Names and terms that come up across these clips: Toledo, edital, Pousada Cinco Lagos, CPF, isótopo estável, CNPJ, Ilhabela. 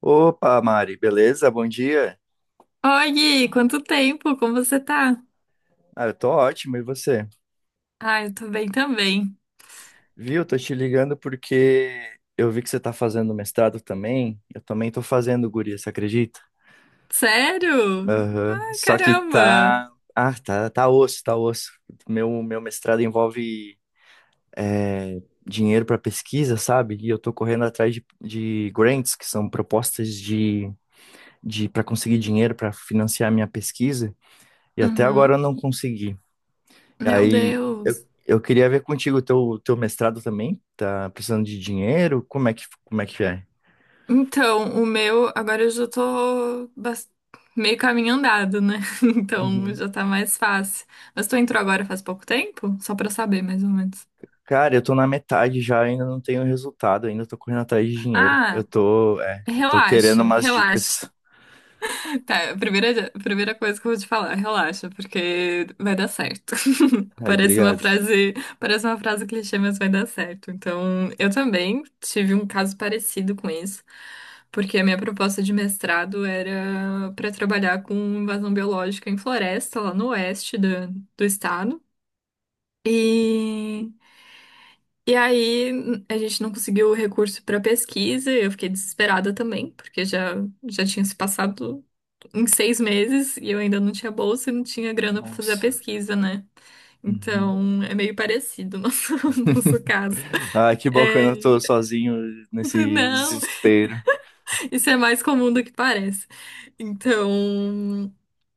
Opa, Mari, beleza? Bom dia. Oi, Gui, quanto tempo? Como você tá? Ah, eu tô ótimo, e você? Ah, eu tô bem também. Viu? Tô te ligando porque eu vi que você tá fazendo mestrado também. Eu também tô fazendo, guria, você acredita? Sério? Ah, Só que caramba! tá. Ah, tá, tá osso, tá osso. Meu mestrado envolve dinheiro para pesquisa, sabe? E eu tô correndo atrás de grants, que são propostas de, para conseguir dinheiro para financiar a minha pesquisa. E até agora eu Uhum. não consegui. E Meu aí, eu, Deus. eu queria ver contigo o teu mestrado também. Tá precisando de dinheiro? Como é que é? Então, o meu, agora eu já tô meio caminho andado, né? Então Uhum. já tá mais fácil. Mas tu entrou agora faz pouco tempo? Só pra saber, mais ou menos. Cara, eu tô na metade já, ainda não tenho resultado, ainda tô correndo atrás de dinheiro. Eu Ah, tô, eu tô querendo relaxa, umas relaxa. dicas. Tá, a primeira coisa que eu vou te falar, relaxa, porque vai dar certo. Ai, Parece uma obrigado. frase, parece uma frase clichê, mas vai dar certo. Então, eu também tive um caso parecido com isso, porque a minha proposta de mestrado era para trabalhar com invasão biológica em floresta, lá no oeste do estado. E, e aí a gente não conseguiu o recurso para pesquisa, eu fiquei desesperada também, porque já tinha se passado em 6 meses e eu ainda não tinha bolsa e não tinha grana para fazer a Nossa. pesquisa, né? Uhum. Então é meio parecido o nosso, nosso caso. Ah, que bom É, que eu não tô sozinho nesse não, desespero. isso é mais comum do que parece. Então,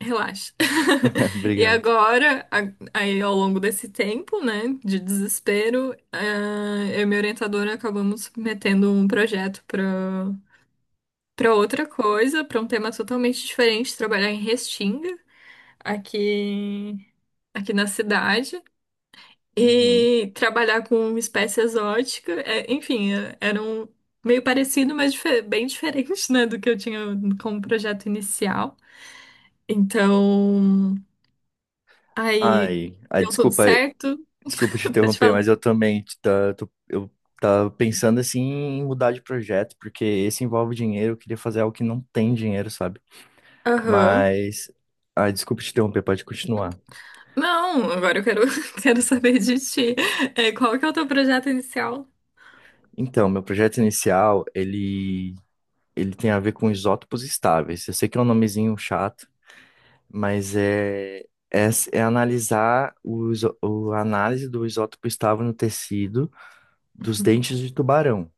relaxa. E Obrigado. agora, aí ao longo desse tempo, né, de desespero, eu e minha orientadora acabamos submetendo um projeto para outra coisa, para um tema totalmente diferente, trabalhar em Restinga aqui aqui na cidade Uhum. e trabalhar com uma espécie exótica. É, enfim, era um meio parecido, mas bem diferente, né, do que eu tinha como projeto inicial. Então, aí Ai, ai, deu tudo desculpa. certo. Desculpa te Pode interromper, falar. mas eu também eu tava pensando assim em mudar de projeto, porque esse envolve dinheiro, eu queria fazer algo que não tem dinheiro, sabe? Aham. Mas, ah, desculpa te interromper, pode continuar. Não, agora eu quero, quero saber de ti. É, qual que é o teu projeto inicial? Então, meu projeto inicial, ele tem a ver com isótopos estáveis. Eu sei que é um nomezinho chato, mas é analisar a análise do isótopo estável no tecido dos dentes de tubarão.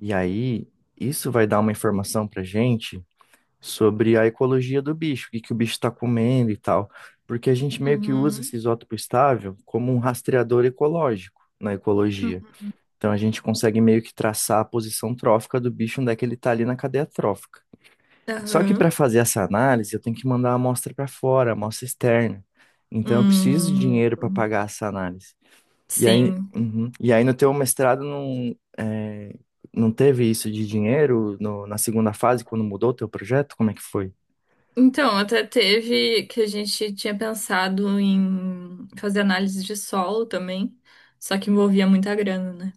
E aí, isso vai dar uma informação pra gente sobre a ecologia do bicho, o que que o bicho está comendo e tal, porque a gente meio que usa esse Uhum. isótopo estável como um rastreador ecológico na ecologia. Então a gente consegue meio que traçar a posição trófica do bicho, onde é que ele está ali na cadeia trófica. Só que para Aham. fazer essa análise, eu tenho que mandar a amostra para fora, a amostra externa. Então eu preciso de Hum, dinheiro para pagar essa análise. E aí, sim. uhum. E aí no teu mestrado não, não teve isso de dinheiro na segunda fase, quando mudou o teu projeto? Como é que foi? Então, até teve que a gente tinha pensado em fazer análise de solo também, só que envolvia muita grana, né?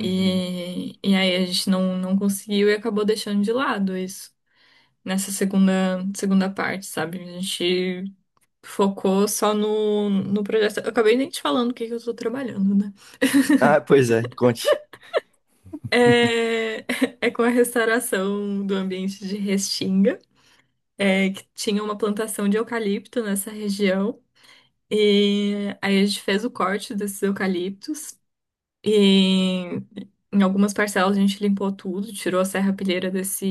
Uhum. E aí a gente não conseguiu e acabou deixando de lado isso nessa segunda parte, sabe? A gente focou só no projeto. Eu acabei nem te falando o que que eu tô trabalhando, né? Ah, pois é, conte. É, é com a restauração do ambiente de Restinga, é, que tinha uma plantação de eucalipto nessa região. E aí a gente fez o corte desses eucaliptos e em algumas parcelas a gente limpou tudo, tirou a serrapilheira desse,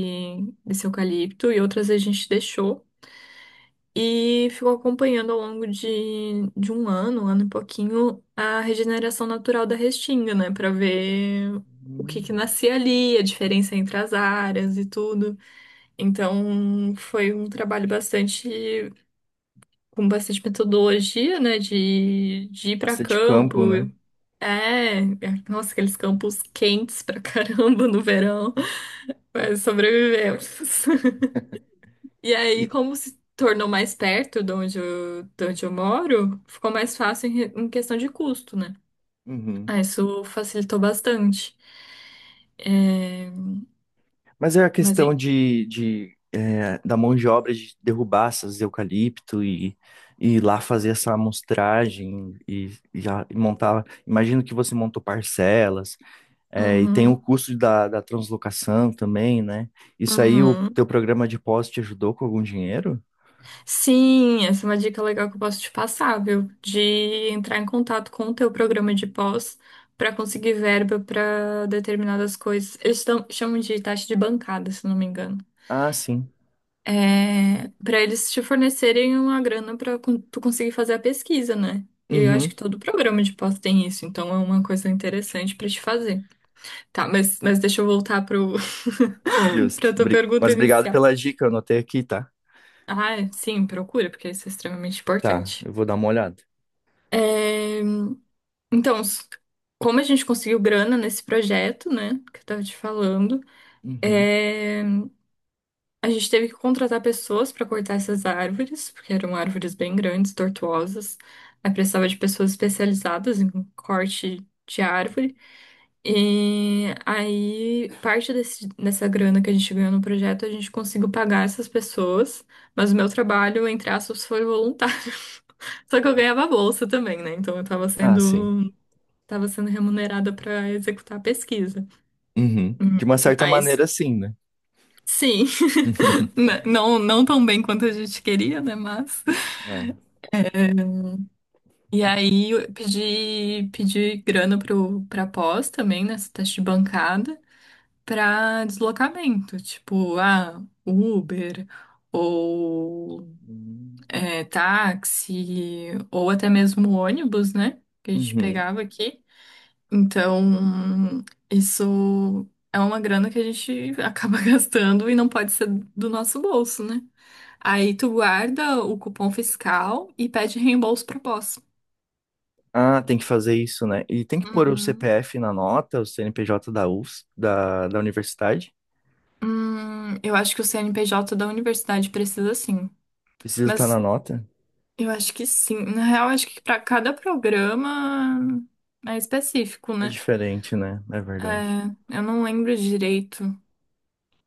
desse eucalipto e outras a gente deixou e ficou acompanhando ao longo de um ano e pouquinho, a regeneração natural da restinga, né? Pra ver o que que Hum. nascia ali, a diferença entre as áreas e tudo. Então foi um trabalho bastante com bastante metodologia, né, de ir para Bastante campo, campo. né? É, nossa, aqueles campos quentes pra caramba no verão, mas sobrevivemos. E aí, E- como se tornou mais perto de onde eu moro, ficou mais fácil em, em questão de custo, né? uhum. Ah, isso facilitou bastante. É, Mas é a mas, hein, questão de da mão de obra de derrubar essas eucalipto e ir lá fazer essa amostragem e e montar. Imagino que você montou parcelas, é, e tem o uhum, custo da translocação também, né? Isso aí, o uhum. teu programa de pós te ajudou com algum dinheiro? Sim, essa é uma dica legal que eu posso te passar, viu? De entrar em contato com o teu programa de pós para conseguir verba para determinadas coisas. Chamam de taxa de bancada, se não me engano. Ah, sim. É, para eles te fornecerem uma grana para tu conseguir fazer a pesquisa, né? E eu acho Uhum. que todo programa de pós tem isso, então é uma coisa interessante para te fazer. Tá, mas deixa eu voltar pro Justo. para tua pergunta Mas obrigado inicial. pela dica, eu anotei aqui, tá? Ah, é? Sim, procura, porque isso é extremamente Tá, importante. eu vou dar uma olhada. é Então, como a gente conseguiu grana nesse projeto, né, que eu tava te falando, Uhum. é, a gente teve que contratar pessoas para cortar essas árvores, porque eram árvores bem grandes, tortuosas. Aí precisava de pessoas especializadas em corte de árvore. E aí, parte dessa grana que a gente ganhou no projeto, a gente conseguiu pagar essas pessoas, mas o meu trabalho, entre aspas, foi voluntário. Só que eu ganhava bolsa também, né? Então eu tava Ah, sim. sendo estava sendo remunerada para executar a pesquisa. Uhum. Hum, De uma certa Aí, maneira, sim, né? sim, não, não tão bem quanto a gente queria, né? Mas. É. E aí eu pedi grana pra pós também, nessa teste de bancada, pra deslocamento, tipo, Uber, ou Hum. Táxi, ou até mesmo ônibus, né? Que a gente Uhum. pegava aqui. Então, isso é uma grana que a gente acaba gastando e não pode ser do nosso bolso, né? Aí tu guarda o cupom fiscal e pede reembolso pro pós. Ah, tem que fazer isso, né? E tem que pôr o Uhum. CPF na nota, o CNPJ da US, da universidade. Eu acho que o CNPJ da universidade precisa sim. Precisa estar Mas na nota. eu acho que sim. Na real, eu acho que para cada programa é específico, É né? diferente, né? É verdade. É, eu não lembro direito,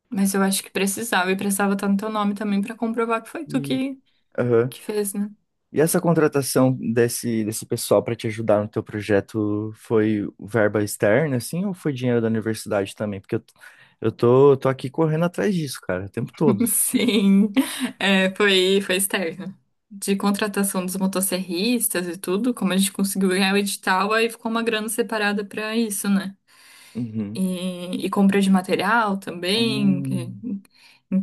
mas eu acho que precisava e precisava estar no teu nome também para comprovar que foi tu E, que, aham. que fez, né? E essa contratação desse pessoal para te ajudar no teu projeto foi verba externa, assim, ou foi dinheiro da universidade também? Porque eu tô aqui correndo atrás disso, cara, o tempo todo. Sim, é, foi externo. De contratação dos motosserristas e tudo, como a gente conseguiu ganhar o edital, aí ficou uma grana separada para isso, né? Uhum. E compra de material também. Hum,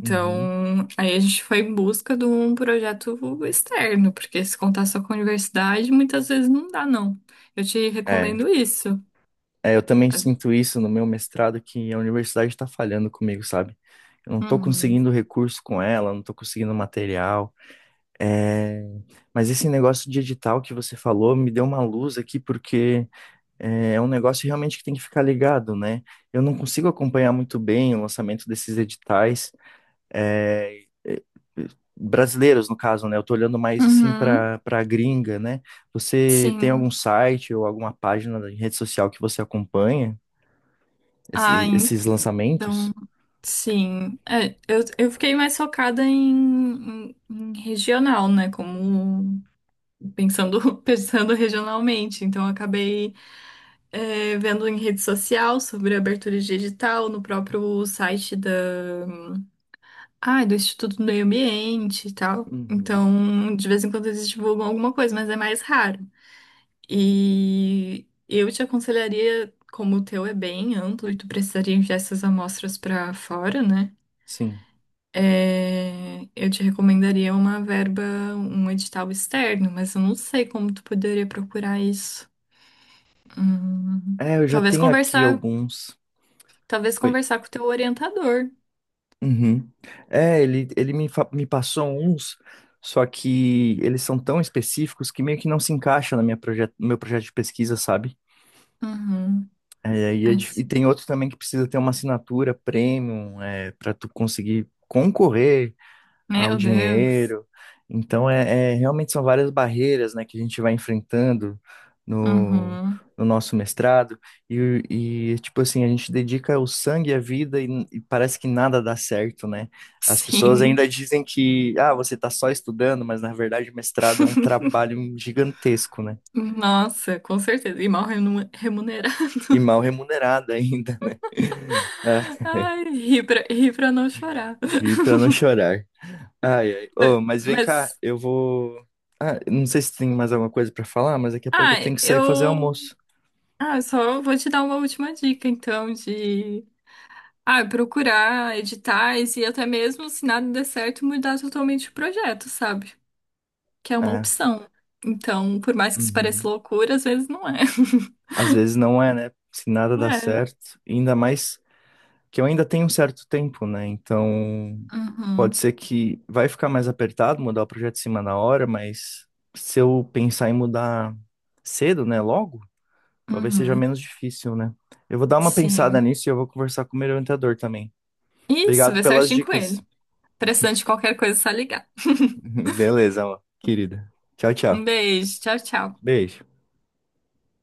uhum. aí a gente foi em busca de um projeto externo, porque se contar só com a universidade, muitas vezes não dá, não. Eu te É, recomendo isso. Eu também As- sinto isso no meu mestrado, que a universidade está falhando comigo, sabe? Eu não estou Uhum. conseguindo recurso com ela, não estou conseguindo material. É, mas esse negócio de edital que você falou me deu uma luz aqui, porque é um negócio realmente que tem que ficar ligado, né? Eu não consigo acompanhar muito bem o lançamento desses editais, é, é, é, brasileiros, no caso, né? Eu tô olhando mais assim Uhum. para gringa, né? Você tem algum Sim. site ou alguma página de rede social que você acompanha Ah, esses lançamentos? então. Sim, eu fiquei mais focada em regional, né? Como pensando, pensando regionalmente. Então, eu acabei vendo em rede social sobre abertura digital no próprio site do Instituto do Meio Ambiente e tal. Uhum. Então, de vez em quando eles divulgam alguma coisa, mas é mais raro. E eu te aconselharia, como o teu é bem amplo e tu precisaria enviar essas amostras para fora, né? Sim. É, eu te recomendaria uma verba, um edital externo, mas eu não sei como tu poderia procurar isso. Hum, É, eu já talvez tenho aqui conversar, alguns. talvez Oi. conversar com o teu orientador. Uhum. É, ele me, me passou uns, só que eles são tão específicos que meio que não se encaixa na no meu projeto de pesquisa, sabe? Uhum. É, aí é Ai, dif- e, sim. tem outros também que precisa ter uma assinatura premium, é, para tu conseguir concorrer ao Meu Deus. dinheiro. Então, realmente são várias barreiras, né, que a gente vai enfrentando no, Uhum. no nosso mestrado. E, tipo assim, a gente dedica o sangue e a vida e parece que nada dá certo, né? As pessoas ainda Sim. dizem que, ah, você está só estudando, mas na verdade o mestrado é um trabalho gigantesco, né? Nossa, com certeza. E mal remunerado. E mal remunerado ainda, né? É. Ai, ri pra não chorar. Ir pra não chorar. Ai, ai. Mas, Ô, mas vem cá, mas, eu vou. Ah, não sei se tem mais alguma coisa pra falar, mas daqui a pouco ah, eu tenho que sair fazer eu, almoço. ah, eu só vou te dar uma última dica, então, de procurar editais e até mesmo, se nada der certo, mudar totalmente o projeto, sabe? Que é uma É. opção. Então, por mais que isso pareça Uhum. loucura, às vezes não é. Às vezes não é, né? Se nada dá É. certo, ainda mais que eu ainda tenho um certo tempo, né? Então, pode Uhum. ser que vai ficar mais apertado mudar o projeto de cima na hora, mas se eu pensar em mudar cedo, né, logo, talvez seja Uhum. menos difícil, né? Eu vou dar uma pensada Sim. nisso e eu vou conversar com o meu orientador também. Isso, Obrigado vê pelas certinho com dicas. ele. Precisando de qualquer coisa, é só ligar. Beleza, amor, querida. Tchau, Um tchau. beijo. Tchau, tchau. Beijo.